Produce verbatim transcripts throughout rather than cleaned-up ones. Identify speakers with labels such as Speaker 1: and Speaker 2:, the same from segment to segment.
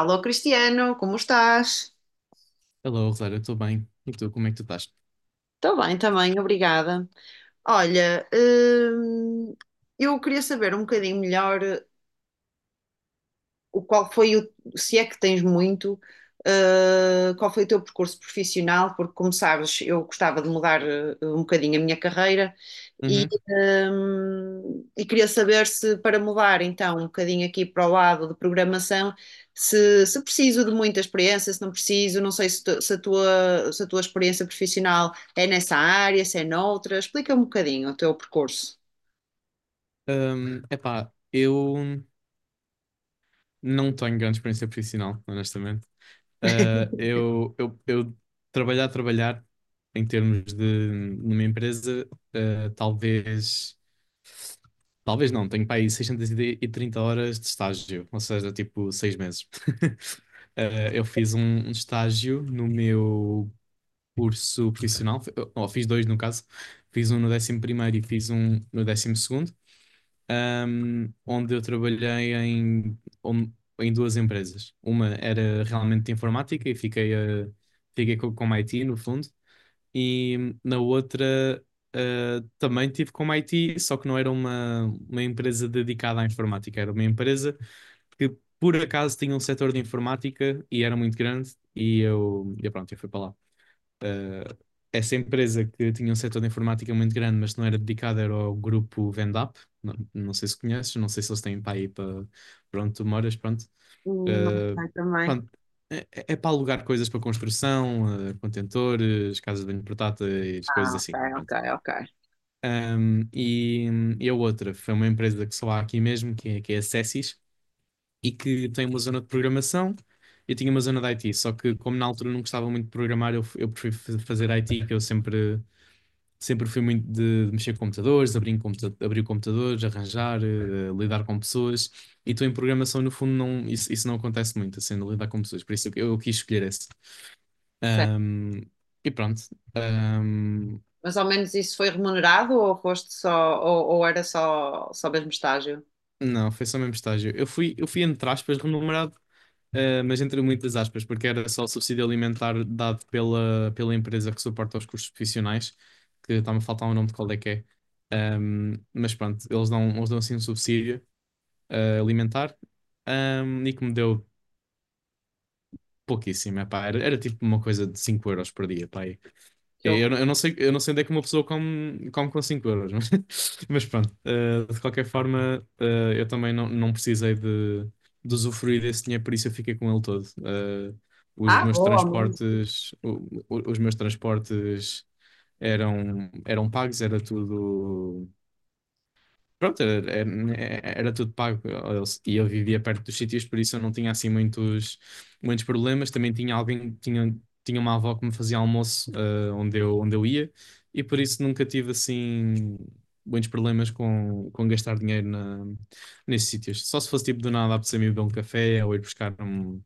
Speaker 1: Alô, Cristiano, como estás?
Speaker 2: Hello, Rosário, eu estou bem. E tu, como é que tu estás?
Speaker 1: Estou bem também, obrigada. Olha, hum, eu queria saber um bocadinho melhor. O qual foi o, se é que tens muito, uh, qual foi o teu percurso profissional, porque como sabes, eu gostava de mudar uh, um bocadinho a minha carreira e,
Speaker 2: Uhum.
Speaker 1: um, e queria saber se para mudar então um bocadinho aqui para o lado de programação, se, se preciso de muita experiência, se não preciso, não sei se, tu- se a tua, se a tua experiência profissional é nessa área, se é noutra, explica um bocadinho o teu percurso.
Speaker 2: Um, epá, eu não tenho grande experiência profissional, honestamente. Uh, eu, eu, eu trabalhar, trabalhar em termos de numa empresa, uh, talvez. Talvez não, tenho para aí seiscentas e trinta horas de estágio, ou seja, tipo seis meses. Eh, eu fiz um, um estágio no meu curso profissional, fi- ou fiz dois no caso, fiz um no décimo primeiro e fiz um no décimo segundo, ahm, onde eu trabalhei em, on- em duas empresas. Uma era realmente de informática e fiquei, a- fiquei com, com I T no fundo, e na outra ah, também tive como I T, só que não era uma, uma empresa dedicada à informática, era uma empresa que por acaso tinha um setor de informática e era muito grande e eu, e pronto, eu fui para lá. Uh, essa empresa que tinha um setor de informática muito grande, mas não era dedicada, era ao grupo Vendap. Não, não sei se conheces, não sei se eles têm para aí para, para onde tu moras, pronto.
Speaker 1: Hum, Não
Speaker 2: Uh,
Speaker 1: sei também.
Speaker 2: pronto, é, é é para alugar coisas para construção, uh, contentores, casas de banho portáteis, coisas
Speaker 1: Ah, ok,
Speaker 2: assim.
Speaker 1: ok,
Speaker 2: Pronto.
Speaker 1: ok.
Speaker 2: Um, e, e a outra foi uma empresa que só há aqui mesmo, que é, que é a Cessis, e que tem uma zona de programação. Eu tinha uma zona de I T, só que como na altura não gostava muito de programar, eu, eu prefiro fa- fazer I T, que eu sempre, sempre fui muito de, de mexer com computadores, abrir, em computa abrir computadores, arranjar, eh, lidar com pessoas. E tu em programação, no fundo, não, isso, isso não acontece muito, assim, de lidar com pessoas. Por isso eu, eu quis escolher esse. Ahm, e pronto. Ahm,
Speaker 1: Mas ao menos isso foi remunerado ou foste só, ou, ou era só, só mesmo estágio?
Speaker 2: não, foi só o mesmo estágio. Eu fui, eu fui, entre aspas, remunerado. Uh, mas entre muitas aspas, porque era só o subsídio alimentar dado pela, pela empresa que suporta os custos profissionais, que está-me a faltar o nome de qual é que é. Um, mas pronto, eles dão, eles dão assim um subsídio uh, alimentar um, e que me deu pouquíssimo, epá, era, era tipo uma coisa de cinco euros por dia, pá,
Speaker 1: Que
Speaker 2: eu,
Speaker 1: horror.
Speaker 2: não- eu não sei, eu não sei onde é que uma pessoa come, come com cinco euros, mas, mas pronto. Eh, de qualquer forma, eh, eu também não, não precisei de, de usufruir desse dinheiro, por isso eu fiquei com ele todo. Eh, os
Speaker 1: Ah,
Speaker 2: meus
Speaker 1: boa, ao menos.
Speaker 2: transportes, o- o- os meus transportes eram, eram pagos, era tudo. Pronto, era, era- era tudo pago. Eu- E eu vivia perto dos sítios, por isso eu não tinha assim muitos, muitos problemas. Também tinha alguém, tinha, tinha uma avó que me fazia almoço, eh, onde eu, onde eu ia, e por isso nunca tive assim muitos problemas com, com gastar dinheiro na, nesses sítios. Só se fosse tipo do nada apetecer-me ir beber um café ou ir buscar um,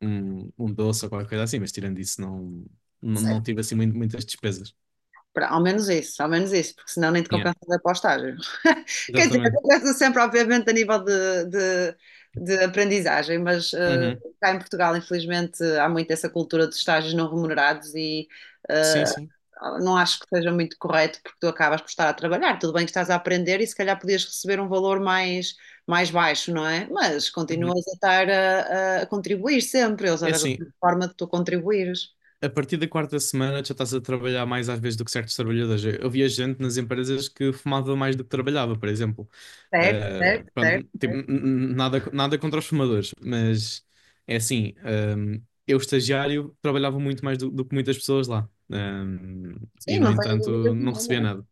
Speaker 2: um, um doce ou qualquer coisa assim, mas tirando isso, não, não, não tive assim muito- muitas despesas.
Speaker 1: Pra- Ao menos isso, ao menos isso, porque senão nem te
Speaker 2: Yeah,
Speaker 1: compensa ir para o estágio. Quer dizer,
Speaker 2: exatamente.
Speaker 1: compensa sempre, obviamente, a nível de, de, de aprendizagem, mas eh,
Speaker 2: Uhum.
Speaker 1: cá em Portugal, infelizmente, há muito essa cultura dos estágios não remunerados e
Speaker 2: Sim,
Speaker 1: eh,
Speaker 2: sim.
Speaker 1: não acho que seja muito correto, porque tu acabas por estar a trabalhar. Tudo bem que estás a aprender e se calhar podias receber um valor mais, mais baixo, não é? Mas
Speaker 2: Uhum.
Speaker 1: continuas a estar a, a contribuir sempre, eles
Speaker 2: É
Speaker 1: arranjam
Speaker 2: assim,
Speaker 1: sempre forma de tu contribuires.
Speaker 2: a partir da quarta semana já estás a trabalhar mais às vezes do que certos trabalhadores. Eu eu via gente nas empresas que fumava mais do que trabalhava, por exemplo.
Speaker 1: Certo,
Speaker 2: Uh,
Speaker 1: certo,
Speaker 2: pronto, tipo,
Speaker 1: certo.
Speaker 2: n- n- nada, nada contra os fumadores, mas é assim, um, eu estagiário trabalhava muito mais do, do que muitas pessoas lá. Um, e
Speaker 1: Sim,
Speaker 2: no
Speaker 1: não tenho
Speaker 2: entanto
Speaker 1: dúvidas
Speaker 2: não recebia
Speaker 1: nenhuma.
Speaker 2: nada.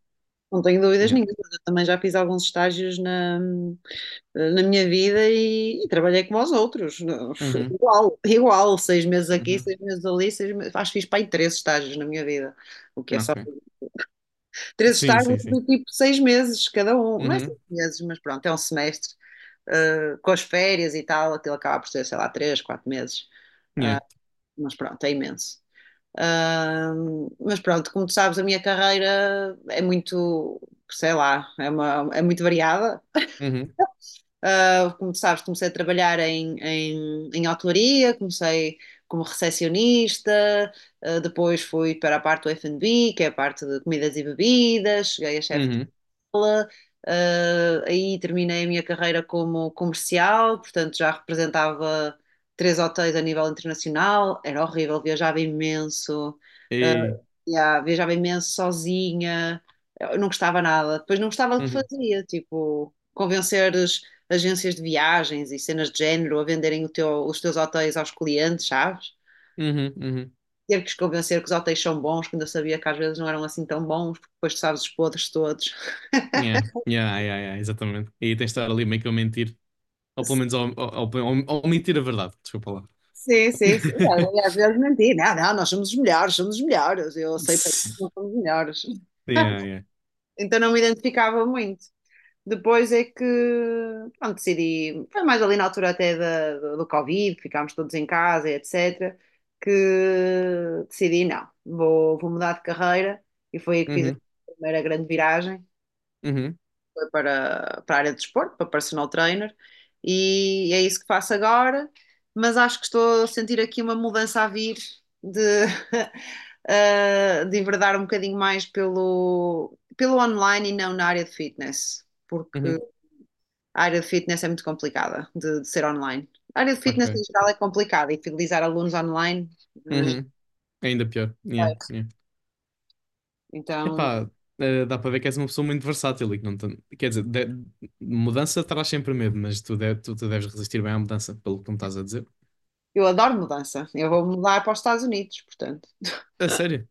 Speaker 1: Não tenho dúvidas
Speaker 2: Yeah.
Speaker 1: nenhuma. Eu também já fiz alguns estágios na, na minha vida e, e trabalhei como os outros. Não,
Speaker 2: Uhum,
Speaker 1: igual, igual. Seis meses aqui,
Speaker 2: uhum,
Speaker 1: seis meses ali, seis meses. Acho que fiz para aí três estágios na minha vida. O que é só.
Speaker 2: ok.
Speaker 1: Três
Speaker 2: Sim,
Speaker 1: estágios
Speaker 2: sim, sim.
Speaker 1: do tipo seis meses cada um. Não é
Speaker 2: Uhum,
Speaker 1: seis meses, mas pronto, é um semestre. Ah, com as férias e tal, aquilo acaba por ser, sei lá, três, quatro meses.
Speaker 2: yeah.
Speaker 1: Mas pronto, é imenso. Ahm, mas pronto, como tu sabes, a minha carreira é muito, sei lá, é, uma- é muito variada.
Speaker 2: Uhum,
Speaker 1: Ah, como tu sabes, comecei a trabalhar em, em, em hotelaria, comecei como recepcionista, ah, depois fui para a parte do F e B, que é a parte de comidas e bebidas, cheguei a chefe.
Speaker 2: uhum,
Speaker 1: Ah, aí terminei a minha carreira como comercial, portanto já representava três hotéis a nível internacional, era horrível, viajava imenso. ah,
Speaker 2: e,
Speaker 1: já, viajava imenso sozinha, eu não gostava nada. Depois não gostava do que
Speaker 2: uhum,
Speaker 1: fazia, tipo, convencer as agências de viagens e cenas de género a venderem o teu- os teus hotéis aos clientes, sabes?
Speaker 2: uhum, uhum.
Speaker 1: Ter que os convencer que os hotéis são bons, quando eu sabia que às vezes não eram assim tão bons, porque depois tu sabes os podres todos.
Speaker 2: Yeah, yeah, yeah, yeah, exatamente. E aí tens de estar ali meio que a mentir, ou pelo menos ao, ao, ao, ao mentir a verdade, desculpa lá.
Speaker 1: Sim, sim, sim. Às às vezes menti. Não, não, nós somos os melhores, somos os melhores. Eu sei porque não somos os melhores.
Speaker 2: Yeah, yeah.
Speaker 1: Então não me identificava muito. Depois é que, pronto, decidi, foi mais ali na altura até da, do, do Covid, ficámos todos em casa, e et cetera, que decidi, não, vou, vou mudar de carreira e foi aí que fiz
Speaker 2: Uhum,
Speaker 1: a primeira grande viragem,
Speaker 2: uhum,
Speaker 1: foi para, para a área de desporto, para personal trainer, e é isso que faço agora, mas acho que estou a sentir aqui uma mudança a vir de, eh, de enverdar um bocadinho mais pelo, pelo online e não na área de fitness. Porque
Speaker 2: uhum,
Speaker 1: a área de fitness é muito complicada de, de ser online. A área de
Speaker 2: ok.
Speaker 1: fitness em geral é complicada e fidelizar alunos online não é
Speaker 2: Uhum, ainda pior. Yeah,
Speaker 1: complexo.
Speaker 2: yeah.
Speaker 1: Então,
Speaker 2: Epá, eh, dá para ver que és uma pessoa muito versátil e que não tem. Quer dizer, de- mudança traz sempre medo, mas tu, de- tu, tu deves resistir bem à mudança, pelo que tu me estás a dizer.
Speaker 1: eu adoro mudança. Eu vou mudar para os Estados Unidos, portanto.
Speaker 2: A sério?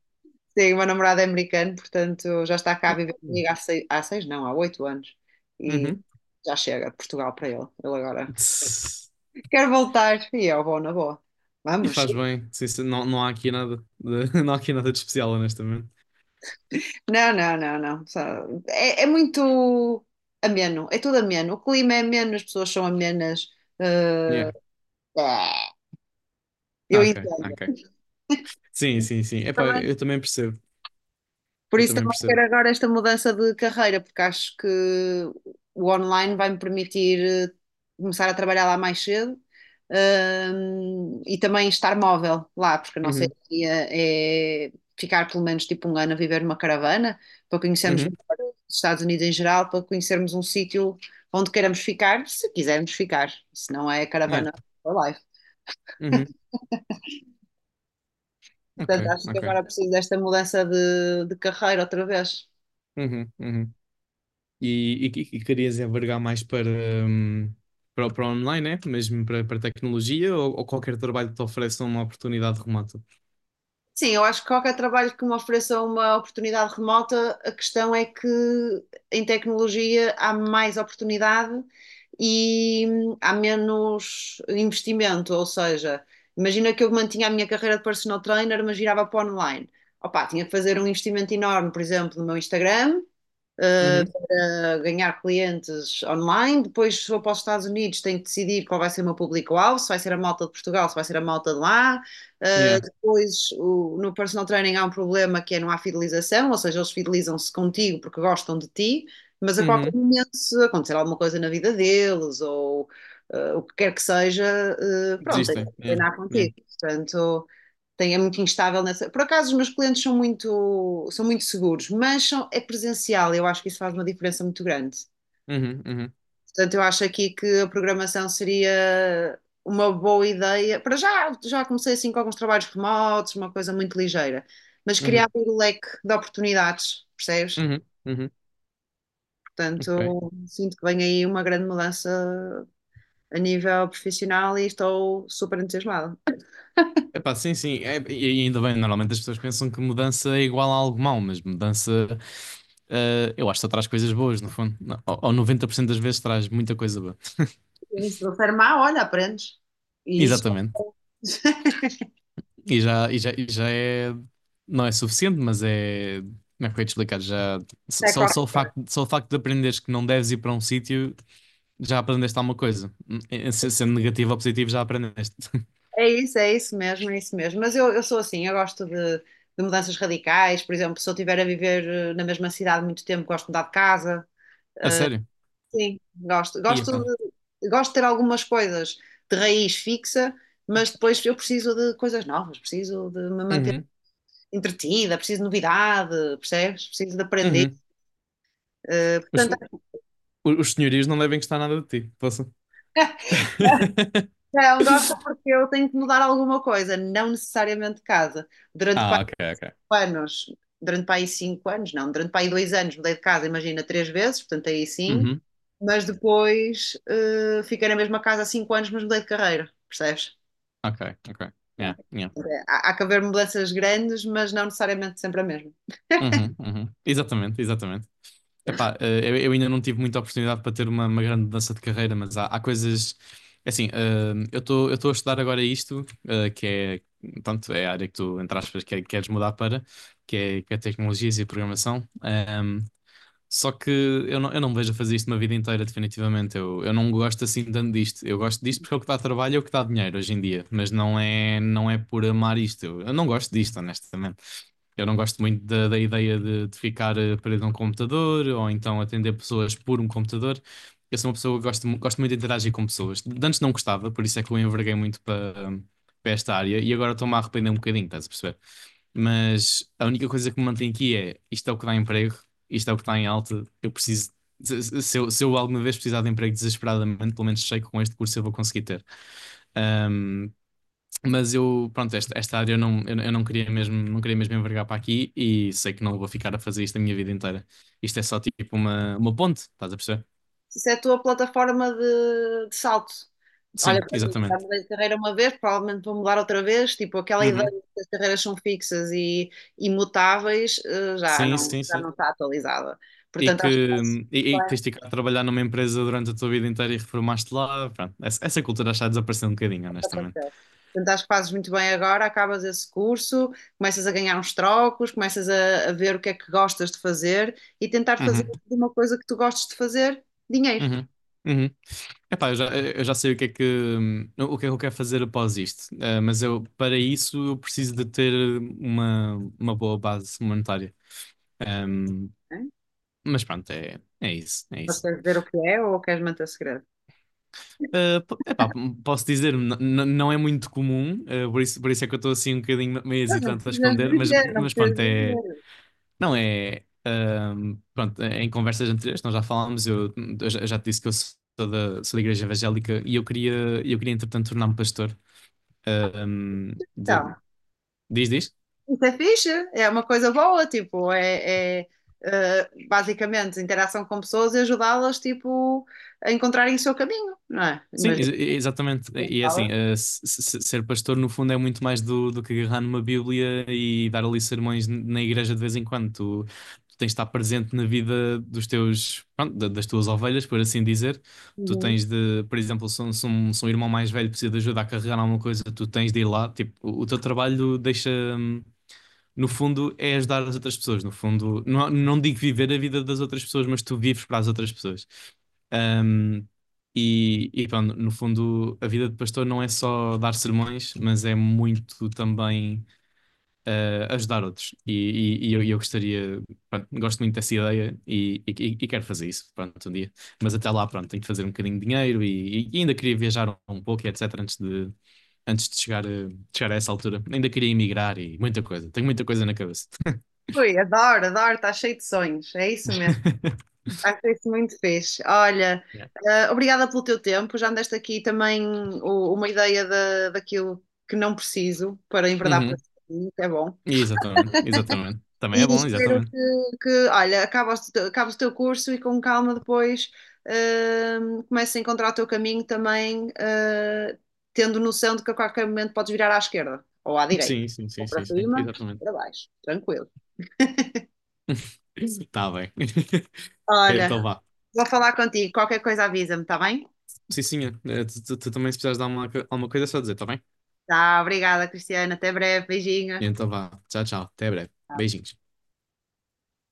Speaker 1: Sim, o meu namorado é americano, portanto, já está cá a viver
Speaker 2: Uhum.
Speaker 1: comigo há seis, há seis não, há oito anos. E
Speaker 2: Uhum.
Speaker 1: já chega de Portugal para ele. Ele agora
Speaker 2: Tss.
Speaker 1: quer voltar e eu vou na boa.
Speaker 2: E
Speaker 1: Vamos.
Speaker 2: faz bem. Sim, sim, não, não há aqui nada de, não há aqui nada de especial, honestamente.
Speaker 1: Não, não, não, não. Só- É, é muito ameno, é tudo ameno. O clima é ameno, as pessoas são amenas. eh,
Speaker 2: Yeah.
Speaker 1: É, eu
Speaker 2: Ok,
Speaker 1: entendo.
Speaker 2: ok. Sim, sim, sim. Epá,
Speaker 1: Também-
Speaker 2: eu também percebo.
Speaker 1: Por
Speaker 2: Eu
Speaker 1: isso
Speaker 2: também
Speaker 1: também quero
Speaker 2: percebo.
Speaker 1: agora esta mudança de carreira, porque acho que o online vai-me permitir eh, começar a trabalhar lá mais cedo, hum, e também estar móvel lá, porque a nossa
Speaker 2: Uhum,
Speaker 1: ideia é ficar pelo menos tipo um ano a viver numa caravana, para conhecermos
Speaker 2: uhum,
Speaker 1: melhor os Estados Unidos em geral, para conhecermos um sítio onde queiramos ficar, se quisermos ficar, se não é
Speaker 2: yeah,
Speaker 1: caravana for life.
Speaker 2: uhum, ok,
Speaker 1: Portanto, acho que
Speaker 2: ok.
Speaker 1: agora preciso desta mudança de, de carreira outra vez.
Speaker 2: Uhum, uhum. E, e, e querias envergar mais para, hum, para, o- para o online, né? Mesmo para, para tecnologia ou, ou qualquer trabalho que te ofereça uma oportunidade remota?
Speaker 1: Sim, eu acho que qualquer trabalho que me ofereça uma oportunidade remota, a questão é que em tecnologia há mais oportunidade e hum, há menos investimento. Ou seja, imagina que eu mantinha a minha carreira de personal trainer, mas girava para online. Opa, tinha que fazer um investimento enorme, por exemplo, no meu Instagram, eh,
Speaker 2: Uhum,
Speaker 1: para ganhar clientes online. Depois, se vou para os Estados Unidos, tenho que decidir qual vai ser o meu público-alvo, se vai ser a malta de Portugal, se vai ser a malta de lá.
Speaker 2: yeah,
Speaker 1: Depois, o- no personal training há um problema que é não há fidelização, ou seja, eles fidelizam-se contigo porque gostam de ti, mas a qualquer
Speaker 2: uhum.
Speaker 1: momento, se acontecer alguma coisa na vida deles ou eh, o que quer que seja, eh, pronto, tens que
Speaker 2: Desistem, yeah,
Speaker 1: treinar
Speaker 2: yeah.
Speaker 1: contigo. Portanto, tem, é muito instável nessa. Por acaso, os meus clientes são muito, são muito seguros, mas são- é presencial, eu acho que isso faz uma diferença muito grande.
Speaker 2: Uhum, uhum,
Speaker 1: Portanto, eu acho aqui que a programação seria uma boa ideia. Para já, já comecei assim com alguns trabalhos remotos, uma coisa muito ligeira, mas queria
Speaker 2: uhum,
Speaker 1: abrir o leque de oportunidades, percebes?
Speaker 2: uhum, uhum. Ok.
Speaker 1: Portanto, sinto que vem aí uma grande mudança a nível profissional e estou super entusiasmada.
Speaker 2: Epá, sim, sim. É, e ainda bem, normalmente as pessoas pensam que mudança é igual a algo mau, mas mudança, eh, eu acho que só traz coisas boas, no fundo. Não, Ou, ou noventa por cento das vezes traz muita coisa boa.
Speaker 1: E se não for má, olha, aprendes. E isso.
Speaker 2: Exatamente. E já, e já, e já é. Não é suficiente, mas é. Como é que eu ia te explicar? Já,
Speaker 1: é
Speaker 2: só, só o
Speaker 1: qualquer-
Speaker 2: facto, só o facto de aprenderes que não deves ir para um sítio, já aprendeste alguma coisa. Eh, se- Sendo negativo ou positivo, já aprendeste.
Speaker 1: É isso, é isso mesmo, é isso mesmo. Mas eu, eu sou assim, eu gosto de, de mudanças radicais. Por exemplo, se eu estiver a viver eh, na mesma cidade muito tempo, gosto de mudar de casa.
Speaker 2: A sério.
Speaker 1: Sim, gosto.
Speaker 2: E
Speaker 1: Gosto
Speaker 2: epá.
Speaker 1: de, gosto de ter algumas coisas de raiz fixa, mas depois eu preciso de coisas novas, preciso de me manter
Speaker 2: Uhum,
Speaker 1: entretida, preciso de novidade, percebes? Preciso de aprender.
Speaker 2: uhum.
Speaker 1: Eh,
Speaker 2: Os,
Speaker 1: portanto,
Speaker 2: os senhorios não devem gostar nada de ti. Posso?
Speaker 1: não gosto porque eu tenho que mudar alguma coisa, não necessariamente de casa. Durante pá,
Speaker 2: Ah, ok, ok.
Speaker 1: anos, durante pá, aí cinco anos, não, durante pá, aí dois anos mudei de casa, imagina, três vezes, portanto aí sim,
Speaker 2: Uhum,
Speaker 1: mas depois eh, fiquei na mesma casa há cinco anos, mas mudei de carreira, percebes?
Speaker 2: ok, ok.
Speaker 1: Yeah.
Speaker 2: Yeah, yeah.
Speaker 1: Há, há que haver mudanças grandes, mas não necessariamente sempre a mesma.
Speaker 2: Uhum, uhum. Exatamente, exatamente. Epá, eh, eu, eu ainda não tive muita oportunidade para ter uma, uma grande mudança de carreira, mas há, há coisas. é Assim, eh, eu estou eu estou a estudar agora isto, eh, que é. Tanto é a área que tu, entre aspas, que, é, queres mudar para, que é, que é tecnologias e programação. Hum, Só que eu não, eu não me vejo a fazer isto uma vida inteira, definitivamente. Eu, eu não gosto assim tanto disto. Eu gosto disto porque é o que dá trabalho, é o que dá dinheiro hoje em dia. Mas não é, não é por amar isto. Eu, eu não gosto disto, honestamente. Eu não gosto muito da, da ideia de, de ficar eh, preso a um computador ou então atender pessoas por um computador. Eu sou uma pessoa que gosto, mu- gosto muito de interagir com pessoas. De Antes não gostava, por isso é que eu enverguei muito para para esta área e agora estou-me a arrepender um bocadinho, estás a perceber? Mas a única coisa que me mantém aqui é isto, é o que dá emprego, isto é o que está em alta. Eu preciso, se, se- eu, se eu alguma vez precisar de emprego desesperadamente, pelo menos sei que com este curso eu vou conseguir ter. Ahm, mas eu, pronto, esta, esta área eu não, eu, eu não queria mesmo, não queria mesmo envergar para aqui e sei que não vou ficar a fazer isto a minha vida inteira. Isto é só tipo uma, uma ponte, estás a perceber?
Speaker 1: Isso é a tua plataforma de, de salto. Olha,
Speaker 2: Sim,
Speaker 1: para mim, já
Speaker 2: exatamente.
Speaker 1: mudei de carreira uma vez, provavelmente vou mudar outra vez. Tipo, aquela ideia
Speaker 2: Uhum.
Speaker 1: de que as carreiras são fixas e imutáveis, eh, já
Speaker 2: Sim,
Speaker 1: não,
Speaker 2: sim,
Speaker 1: já não
Speaker 2: sim.
Speaker 1: está atualizada.
Speaker 2: E
Speaker 1: Portanto,
Speaker 2: que
Speaker 1: acho que fazes
Speaker 2: e, e
Speaker 1: bem
Speaker 2: tens de ficar a trabalhar numa empresa durante a tua vida inteira e reformaste lá. Pronto, essa, essa cultura está a um bocadinho,
Speaker 1: o que
Speaker 2: honestamente.
Speaker 1: aconteceu. Portanto, acho que fazes muito bem agora, acabas esse curso, começas a ganhar uns trocos, começas a, a ver o que é que gostas de fazer e tentar fazer
Speaker 2: Uhum,
Speaker 1: de uma coisa que tu gostes de fazer dinheiro.
Speaker 2: uhum, uhum. Epá, eu já, eu já sei o que é que, hum, o que é que eu quero fazer após isto. Eh, mas eu, para isso eu preciso de ter uma, uma boa base monetária. Hum,
Speaker 1: Né?
Speaker 2: mas pronto, é, é isso, é
Speaker 1: Mas
Speaker 2: isso.
Speaker 1: queres dizer o que é ou queres manter segredo?
Speaker 2: Eh, po- epá, posso dizer, n- n- não é muito comum, eh, por isso, por isso é que eu estou assim um bocadinho meio
Speaker 1: Não
Speaker 2: hesitante a
Speaker 1: precisas
Speaker 2: esconder, mas,
Speaker 1: dizer, não
Speaker 2: mas pronto,
Speaker 1: precisas
Speaker 2: é.
Speaker 1: dizer.
Speaker 2: Não é. ahm, pronto, é, em conversas anteriores, nós já falámos, eu, eu já eu já te disse que eu sou da, sou da Igreja Evangélica e eu queria, eu queria entretanto, tornar-me pastor. Ahm, de-
Speaker 1: Então,
Speaker 2: diz, diz?
Speaker 1: isso é fixe, é uma coisa boa, tipo, é, é, eh, basicamente interação com pessoas e ajudá-las, tipo, a encontrarem o seu caminho, não é?
Speaker 2: Sim, ex-
Speaker 1: Imagina.
Speaker 2: exatamente. E é assim, eh, se- se- ser pastor no fundo é muito mais do, do que agarrar numa Bíblia e dar ali sermões n- na igreja de vez em quando. Tu, tu tens de estar presente na vida dos teus, pronto, da- das tuas ovelhas, por assim dizer. Tu
Speaker 1: Uhum.
Speaker 2: tens de, por exemplo, se um, se um- se um irmão mais velho precisa de ajuda a carregar alguma coisa, tu tens de ir lá. Tipo, o, o teu trabalho deixa. hum, no fundo, é ajudar as outras pessoas. No fundo, não, não digo viver a vida das outras pessoas, mas tu vives para as outras pessoas. Um, e, e pronto, no fundo, a vida de pastor não é só dar sermões, mas é muito também a ajudar outros. E, e- e eu, e eu gostaria, pronto, gosto muito dessa ideia e, e- e quero fazer isso, pronto, um dia. Mas até lá, pronto, tenho que fazer um bocadinho de dinheiro e, e ainda queria viajar um pouco e etecétera antes de, antes de chegar, a, chegar a essa altura. Ainda queria emigrar e muita coisa. Tenho muita coisa na cabeça.
Speaker 1: Ui, adoro, adoro, está cheio de sonhos, é isso mesmo. Acho isso muito fixe. Olha,
Speaker 2: Yeah.
Speaker 1: eh, obrigada pelo teu tempo, já me deste aqui também o- uma ideia da daquilo que não preciso para enverdar para
Speaker 2: Uhum.
Speaker 1: esse caminho, que é bom.
Speaker 2: Exatamente, exatamente. Também
Speaker 1: E
Speaker 2: é bom,
Speaker 1: espero
Speaker 2: exatamente.
Speaker 1: que, que, olha, acaba o teu, acaba o teu curso e com calma depois hum, comeces a encontrar o teu caminho também, eh, tendo noção de que a qualquer momento podes virar à esquerda ou à direita,
Speaker 2: Sim, sim,
Speaker 1: ou
Speaker 2: sim,
Speaker 1: para
Speaker 2: sim, sim,
Speaker 1: cima, ou
Speaker 2: exatamente.
Speaker 1: para baixo, tranquilo.
Speaker 2: Está bem.
Speaker 1: Olha,
Speaker 2: Então vá.
Speaker 1: vou falar contigo, qualquer coisa avisa-me, está bem?
Speaker 2: Sim, sim, eh, tu, tu- tu também se precisares de alguma, co- alguma coisa, é só dizer, tá bem?
Speaker 1: Tá, obrigada, Cristiana, até breve, beijinhos.
Speaker 2: Então vá. Tchau, tchau. Até breve. Beijinhos.